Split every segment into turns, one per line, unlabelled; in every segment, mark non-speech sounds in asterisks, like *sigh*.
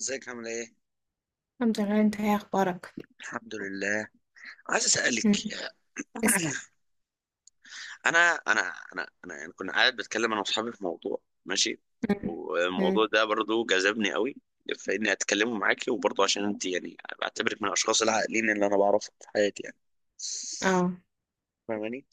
ازيك عامل ايه؟
الحمد لله، انت ايه اخبارك؟
الحمد لله. عايز اسالك
مم.
يا-
اسأل.
*clears throat* انا انا انا يعني كنا قاعد بتكلم انا واصحابي في موضوع، ماشي.
مم. مم.
والموضوع ده برضو جذبني قوي، فاني اتكلمه معاكي وبرضو عشان انت يعني بعتبرك من الاشخاص العاقلين اللي انا بعرفهم في حياتي يعني،
اه.
فاهماني؟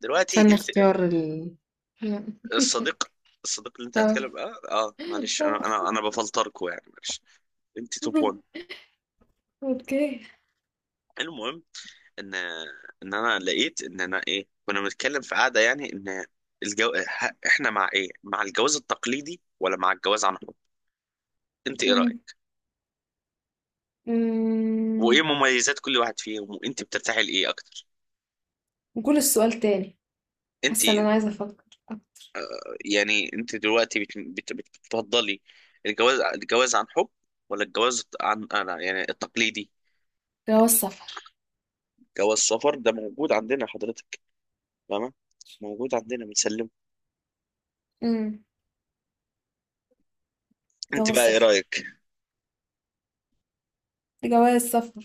دلوقتي
عشان
انت
اختيار مم. *laughs*
الصديق الصديق اللي انت
اه.
هتكلم، معلش انا بفلتركوا يعني، معلش. انت توب 1.
اوكي.
ان ان انا لقيت ان انا ايه، كنا بنتكلم في قعده يعني، ان احنا مع ايه، مع الجواز التقليدي ولا مع الجواز عن حب؟ انت ايه
مم.
رايك؟ وايه
مم.
مميزات كل واحد فيهم؟ وانت بترتاحي لايه اكتر؟
قول السؤال تاني.
انت
حاسة ان انا عايزة افكر.
يعني انت دلوقتي بتفضلي الجواز عن حب ولا الجواز عن انا يعني التقليدي؟
جواز سفر.
جواز سفر ده موجود عندنا حضرتك، فاهمه؟ موجود عندنا بنسلمه.
مم.
انت
جواز
بقى ايه
سفر.
رايك؟
جواز سفر.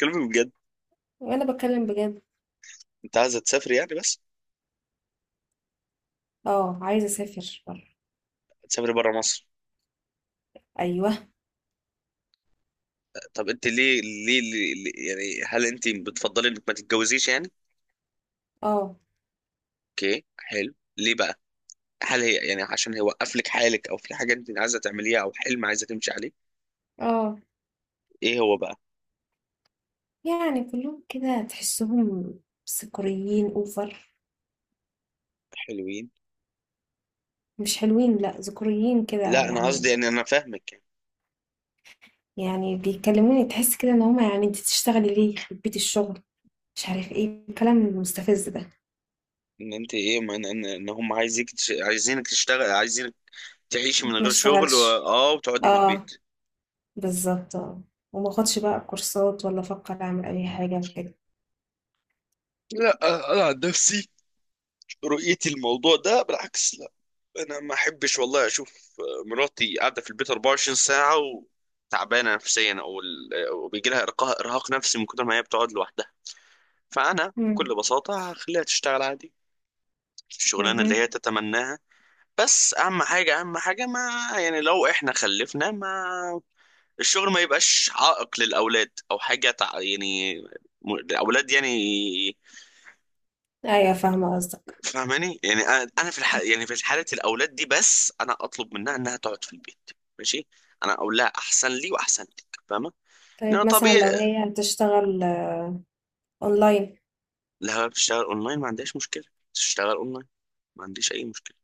كلمي بجد.
وانا بتكلم بجد.
انت عايزه تسافري يعني بس؟
اه، عايزة اسافر بره.
تسافري بره مصر؟
ايوه.
طب انت يعني هل انت بتفضلي انك ما تتجوزيش يعني؟
اه.
اوكي حلو، ليه بقى؟ هل هي يعني عشان هي وقف لك حالك، او في حاجه انت عايزه تعمليها، او حلم عايزه تمشي عليه؟
اه،
ايه هو بقى؟
يعني كلهم كده تحسهم سكريين اوفر.
حلوين؟
مش حلوين، لا، ذكوريين كده
لا انا قصدي
يعني.
يعني انا فاهمك يعني.
يعني بيكلموني تحس كده ان هما يعني انت تشتغلي ليه يخرب بيت الشغل. مش عارف ايه الكلام المستفز ده.
ان انت ايه ان هم عايزيك عايزينك تشتغل، عايزينك تعيشي من
ما
غير شغل
اشتغلش.
اه وتقعدي في
اه.
البيت.
بالظبط اه. وما اخدش بقى كورسات ولا افكر اعمل اي حاجه كده.
لا، انا عن نفسي، رؤيتي الموضوع ده بالعكس. انا ما احبش والله اشوف مراتي قاعده في البيت 24 ساعه وتعبانه نفسيا أو بيجي لها ارقاء ارهاق نفسي من كتر ما هي بتقعد لوحدها. فانا
امم.
بكل بساطه هخليها تشتغل عادي الشغلانه اللي
امم.
هي تتمناها. بس اهم حاجه ما، يعني لو احنا خلفنا، ما الشغل ما يبقاش عائق للاولاد او حاجه يعني الاولاد يعني،
ايوه، فاهمه قصدك.
فاهماني؟ يعني انا في يعني في حاله الاولاد دي بس انا اطلب منها انها تقعد في البيت. ماشي. انا اقول لها احسن لي واحسن لك، فاهمه؟ لان
طيب مثلا
طبيعي
لو هي هتشتغل آه، اونلاين.
لو هي بتشتغل اونلاين ما عندهاش مشكله، تشتغل اونلاين، ما عنديش اي مشكله.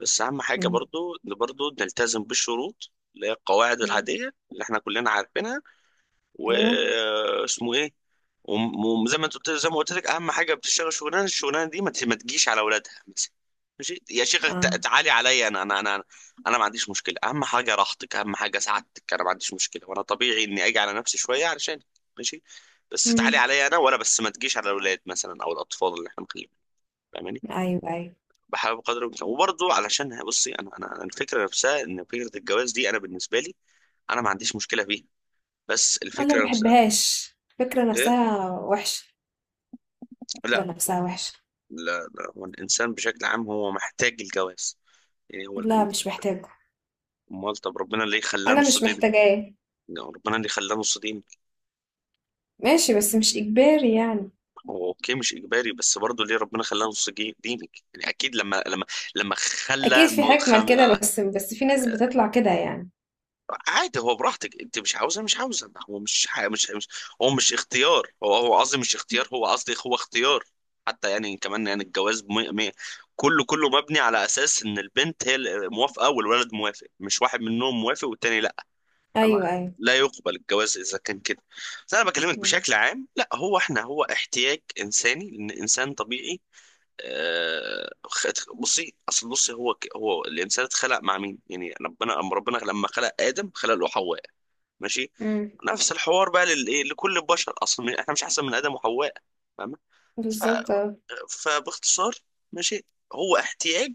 بس اهم حاجه
امم.
برضو ان برضو نلتزم بالشروط اللي هي القواعد
أمم.
العاديه اللي احنا كلنا عارفينها.
ايوه.
واسمه ايه، وزي ما انت قلت، زي ما قلت لك، اهم حاجه بتشتغل شغلانه الشغلانه دي ما تجيش على اولادها. ماشي يا شيخ،
اه.
تعالي عليا انا انا ما عنديش مشكله. اهم حاجه راحتك، اهم حاجه سعادتك، انا ما عنديش مشكله، وانا طبيعي اني اجي على نفسي شويه علشان، ماشي، بس تعالي
امم.
عليا انا، ولا بس ما تجيش على الاولاد مثلا او الاطفال اللي احنا مخليهم، فاهماني؟
ايوه ايوه.
بحاول بقدر الامكان وبرضه علشان، بصي انا انا الفكره نفسها ان فكره الجواز دي انا بالنسبه لي، انا ما عنديش مشكله فيها، بس
انا ما
الفكره نفسها
بحبهاش. الفكره
ايه،
نفسها وحشه.
لا،
الفكره نفسها وحشه.
لا، لا، هو الإنسان بشكل عام هو محتاج الجواز. يعني
لا، مش محتاجة.
أمال طب ربنا ليه خلاه
انا
نص
مش
دينك؟
محتاجاه.
ربنا ليه خلاه نص دينك؟
ماشي، بس مش اجباري يعني.
هو أوكي مش إجباري بس برضه ليه ربنا خلاه نص دينك؟ يعني أكيد لما لما
اكيد
خلى
في
م-
حكمة
خم...
لكده،
آه،
بس في ناس بتطلع كده يعني.
عادي هو براحتك، أنت مش عاوزة، هو مش هو مش اختيار، هو هو قصدي مش اختيار، هو قصدي هو اختيار حتى يعني كمان. يعني الجواز مية مية، كله مبني على اساس ان البنت هي اللي موافقه والولد موافق، مش واحد منهم موافق والتاني لا. فما-
ايوه ايوه.
لا يقبل الجواز اذا كان كده. بس انا بكلمك
مم.
بشكل عام، لا هو احنا هو احتياج انساني لان انسان طبيعي. آه، خ- بصي اصل بصي هو الانسان اتخلق مع مين يعني؟ ربنا، ربنا لما خلق ادم خلق له حواء، ماشي.
مم.
نفس الحوار بقى للايه لكل البشر، اصلا احنا مش احسن من ادم وحواء، فاهمة؟ ف...
بالظبط آه.
فباختصار، ماشي، هو احتياج،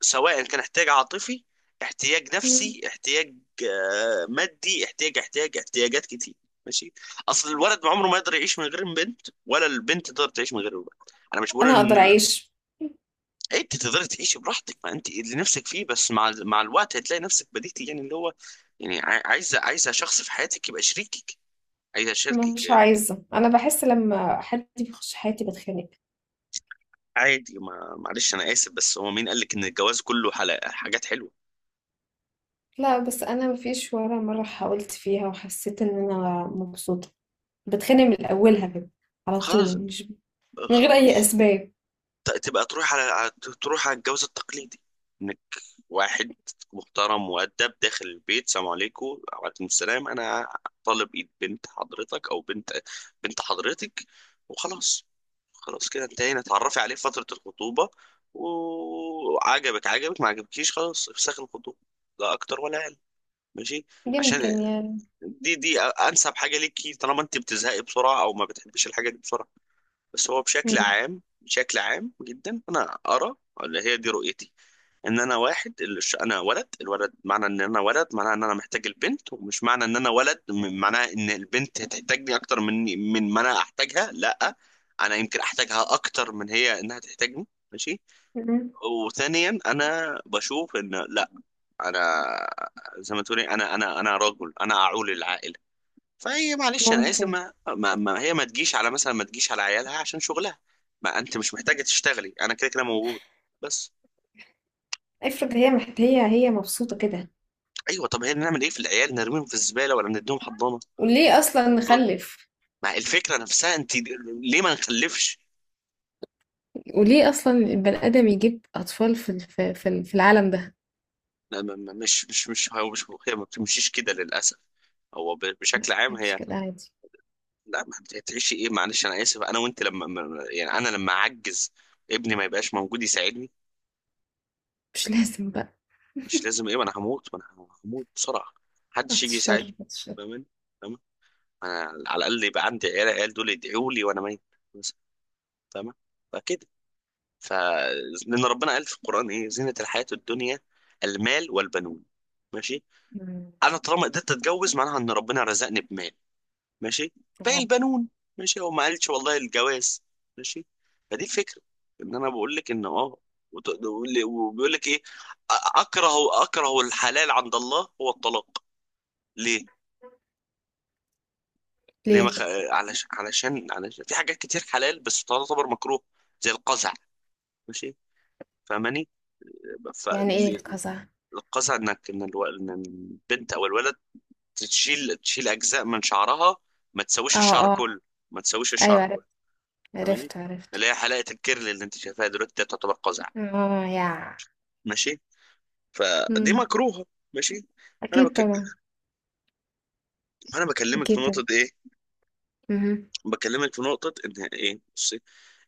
سواء كان احتياج عاطفي، احتياج
مم.
نفسي، احتياج مادي، احتياج احتياجات كتير، ماشي. اصل الولد عمره ما يقدر يعيش من غير البنت، ولا البنت تقدر تعيش من غير الولد. انا مش بقول
انا
ان
اقدر اعيش.
إيه، انت تقدري تعيشي براحتك ما انت اللي نفسك فيه، بس مع الوقت هتلاقي نفسك بديتي يعني اللي هو يعني عايزه عايزه شخص في حياتك يبقى شريكك، عايزه شريكك
مش
آه،
عايزة، انا بحس لما حد بيخش حياتي بتخانق.
عادي. ما معلش انا اسف بس هو مين قال لك ان الجواز كله حلقة حاجات حلوه؟
لا بس انا مفيش ولا مرة حاولت فيها وحسيت ان انا مبسوطة. بتخانق من اولها كده، على طول،
خلاص،
مش من غير
خلاص
اي اسباب.
تبقى تروح على تروح على الجواز التقليدي، انك واحد محترم مؤدب داخل البيت، سلام عليكم، وعليكم السلام، انا طالب ايد بنت حضرتك او بنت، بنت حضرتك، وخلاص، خلاص كده انتهينا، اتعرفي عليه في فترة الخطوبة، وعجبك عجبك، ما عجبكيش خلاص افسخ الخطوبة، لا اكتر ولا اقل، ماشي. عشان
يمكن يعني.
دي انسب حاجة ليكي طالما انت بتزهقي بسرعة او ما بتحبيش الحاجة دي بسرعة. بس هو بشكل
مم.
عام، بشكل عام جدا، انا ارى اللي هي دي رؤيتي. ان انا واحد انا ولد، الولد معنى ان انا ولد معناه ان انا محتاج البنت، ومش معنى ان انا ولد معناه ان البنت هتحتاجني اكتر من، من ما انا احتاجها، لا انا يمكن احتاجها اكتر من هي انها تحتاجني، ماشي.
مم.
وثانيا انا بشوف ان لا، انا زي ما تقولي انا انا رجل، انا اعول العائله، فهي معلش انا اسف
ممكن.
ما هي ما تجيش على مثلا، ما تجيش على عيالها عشان شغلها، ما انت مش محتاجه تشتغلي انا كده كده موجود، بس.
افرض هي محت... هي هي مبسوطة كده.
ايوه طب هي نعمل ايه في العيال؟ نرميهم في الزباله ولا نديهم حضانه؟
وليه اصلا نخلف؟
مع الفكره نفسها انت. ليه ما نخلفش؟
وليه اصلا البني ادم يجيب اطفال في الف- في ال- في العالم ده؟
لا، مش هو مش هي ما بتمشيش كده للاسف، هو بشكل
لا،
عام
مش
هي
كده عادي.
لا، ما بت- هتعيشي ايه، معلش انا اسف، انا وانت لما يعني انا لما اعجز، ابني ما يبقاش موجود يساعدني؟
مش *laughs* لازم بقى.
مش لازم ايه، ما انا هموت بسرعه،
بعد
محدش يجي يساعدني،
الشر، بعد الشر.
فاهمني؟ فاهم. انا على الاقل يبقى عندي عيال، العيال دول يدعوا لي وانا ميت مثلا، فاهمه؟ فكده، ف، لان ربنا قال في القران ايه، زينه الحياه الدنيا المال والبنون، ماشي.
مم.
انا طالما قدرت اتجوز معناها ان ربنا رزقني بمال، ماشي، باقي
اه.
البنون، ماشي. هو ما قالش والله الجواز، ماشي. فدي الفكره. ان انا بقول لك ان اه، وبيقول لك ايه، أ- اكره الحلال عند الله هو الطلاق. ليه؟ ليه ما
ليه؟
خ... علشان في حاجات كتير حلال بس تعتبر مكروه، زي القزع، ماشي، فاهماني؟
يعني ايه
فالقزع
القزع؟
إن البنت او الولد تشيل اجزاء من شعرها، ما تسويش الشعر
اه اه.
كله، ما تسويش
ايوه
الشعر،
عرفت.
فاهماني؟
عرفت عرفت.
اللي هي حلاقه الكيرل اللي انت شايفاها دلوقتي دي تعتبر قزع،
اه يا.
ماشي، فدي
مم.
مكروهه، ماشي. انا
اكيد
بك...
طبعا.
انا بكلمك في
اكيد طبعا.
نقطه ايه،
مهم.
بكلمك في نقطه ان ايه، بصي،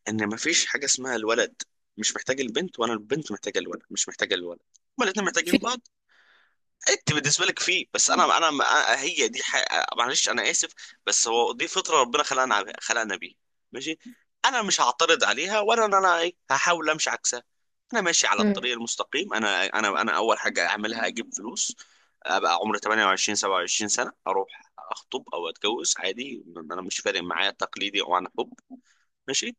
ان مفيش حاجه اسمها الولد مش محتاج البنت، وانا البنت محتاجه الولد، مش محتاجه الولد، هما الاثنين
في.
محتاجين بعض. انت بالنسبه لك فيه، بس
مم.
هي دي معلش انا اسف، بس هو دي فطره ربنا خلقنا خلقنا بيها، ماشي، انا مش هعترض عليها، ولا ان انا ايه هحاول امشي عكسها. انا ماشي على
مم.
الطريق المستقيم، انا انا اول حاجه اعملها اجيب فلوس، ابقى عمري 28 27 سنه اروح اخطب او اتجوز عادي، انا مش فارق معايا تقليدي او عن حب، ماشي،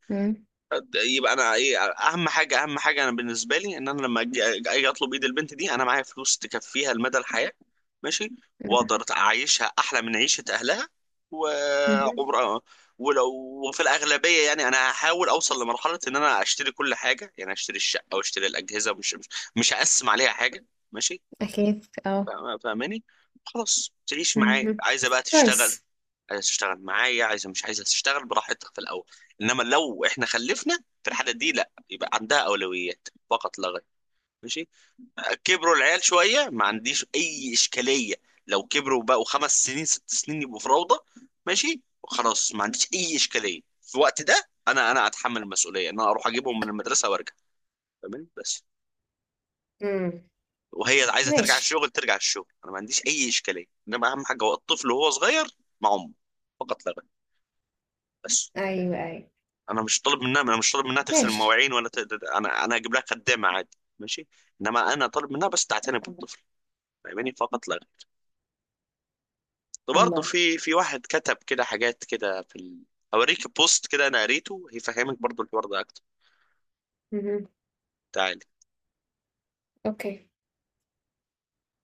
يبقى انا ايه اهم حاجه، اهم حاجه انا بالنسبه لي، ان انا لما اجي اطلب ايد البنت دي انا معايا فلوس تكفيها لمدى الحياه، ماشي،
مم.
واقدر اعيشها احلى من عيشه اهلها،
مهم.
وعمر، ولو في الاغلبيه يعني انا هحاول اوصل لمرحله ان انا اشتري كل حاجه، يعني اشتري الشقه واشتري الاجهزه، مش هقسم عليها حاجه، ماشي،
اكيد اه.
فاهماني؟ خلاص تعيش معايا،
مهم.
عايزه بقى تشتغل،
كويس.
عايزه تشتغل معايا، عايزه مش عايزه تشتغل براحتك في الاول، انما لو احنا خلفنا، في الحاله دي لا، يبقى عندها اولويات فقط لا غير، ماشي. كبروا العيال شويه ما عنديش اي اشكاليه، لو كبروا بقوا 5 سنين 6 سنين يبقوا في روضه، ماشي، خلاص ما عنديش اي اشكاليه في الوقت ده، انا اتحمل المسؤوليه ان انا اروح اجيبهم من المدرسه وارجع، تمام، بس.
مم.
وهي عايزه ترجع
ماشي.
الشغل، ترجع الشغل، انا ما عنديش اي اشكاليه، انما اهم حاجه هو الطفل وهو صغير مع امه، فقط لا غير، بس.
أيوه، أيوه.
انا مش طالب منها، انا مش طالب منها تغسل
ماشي.
المواعين ولا انا هجيب لها خدامه عادي، ماشي، انما انا طالب منها بس تعتني
الله.
بالطفل، فاهماني؟ فقط لا غير، برضه
الله.
في واحد كتب كده حاجات كده اوريك بوست كده انا قريته هيفهمك برضه الحوار ده اكتر.
اهم.
تعالي
أوكي.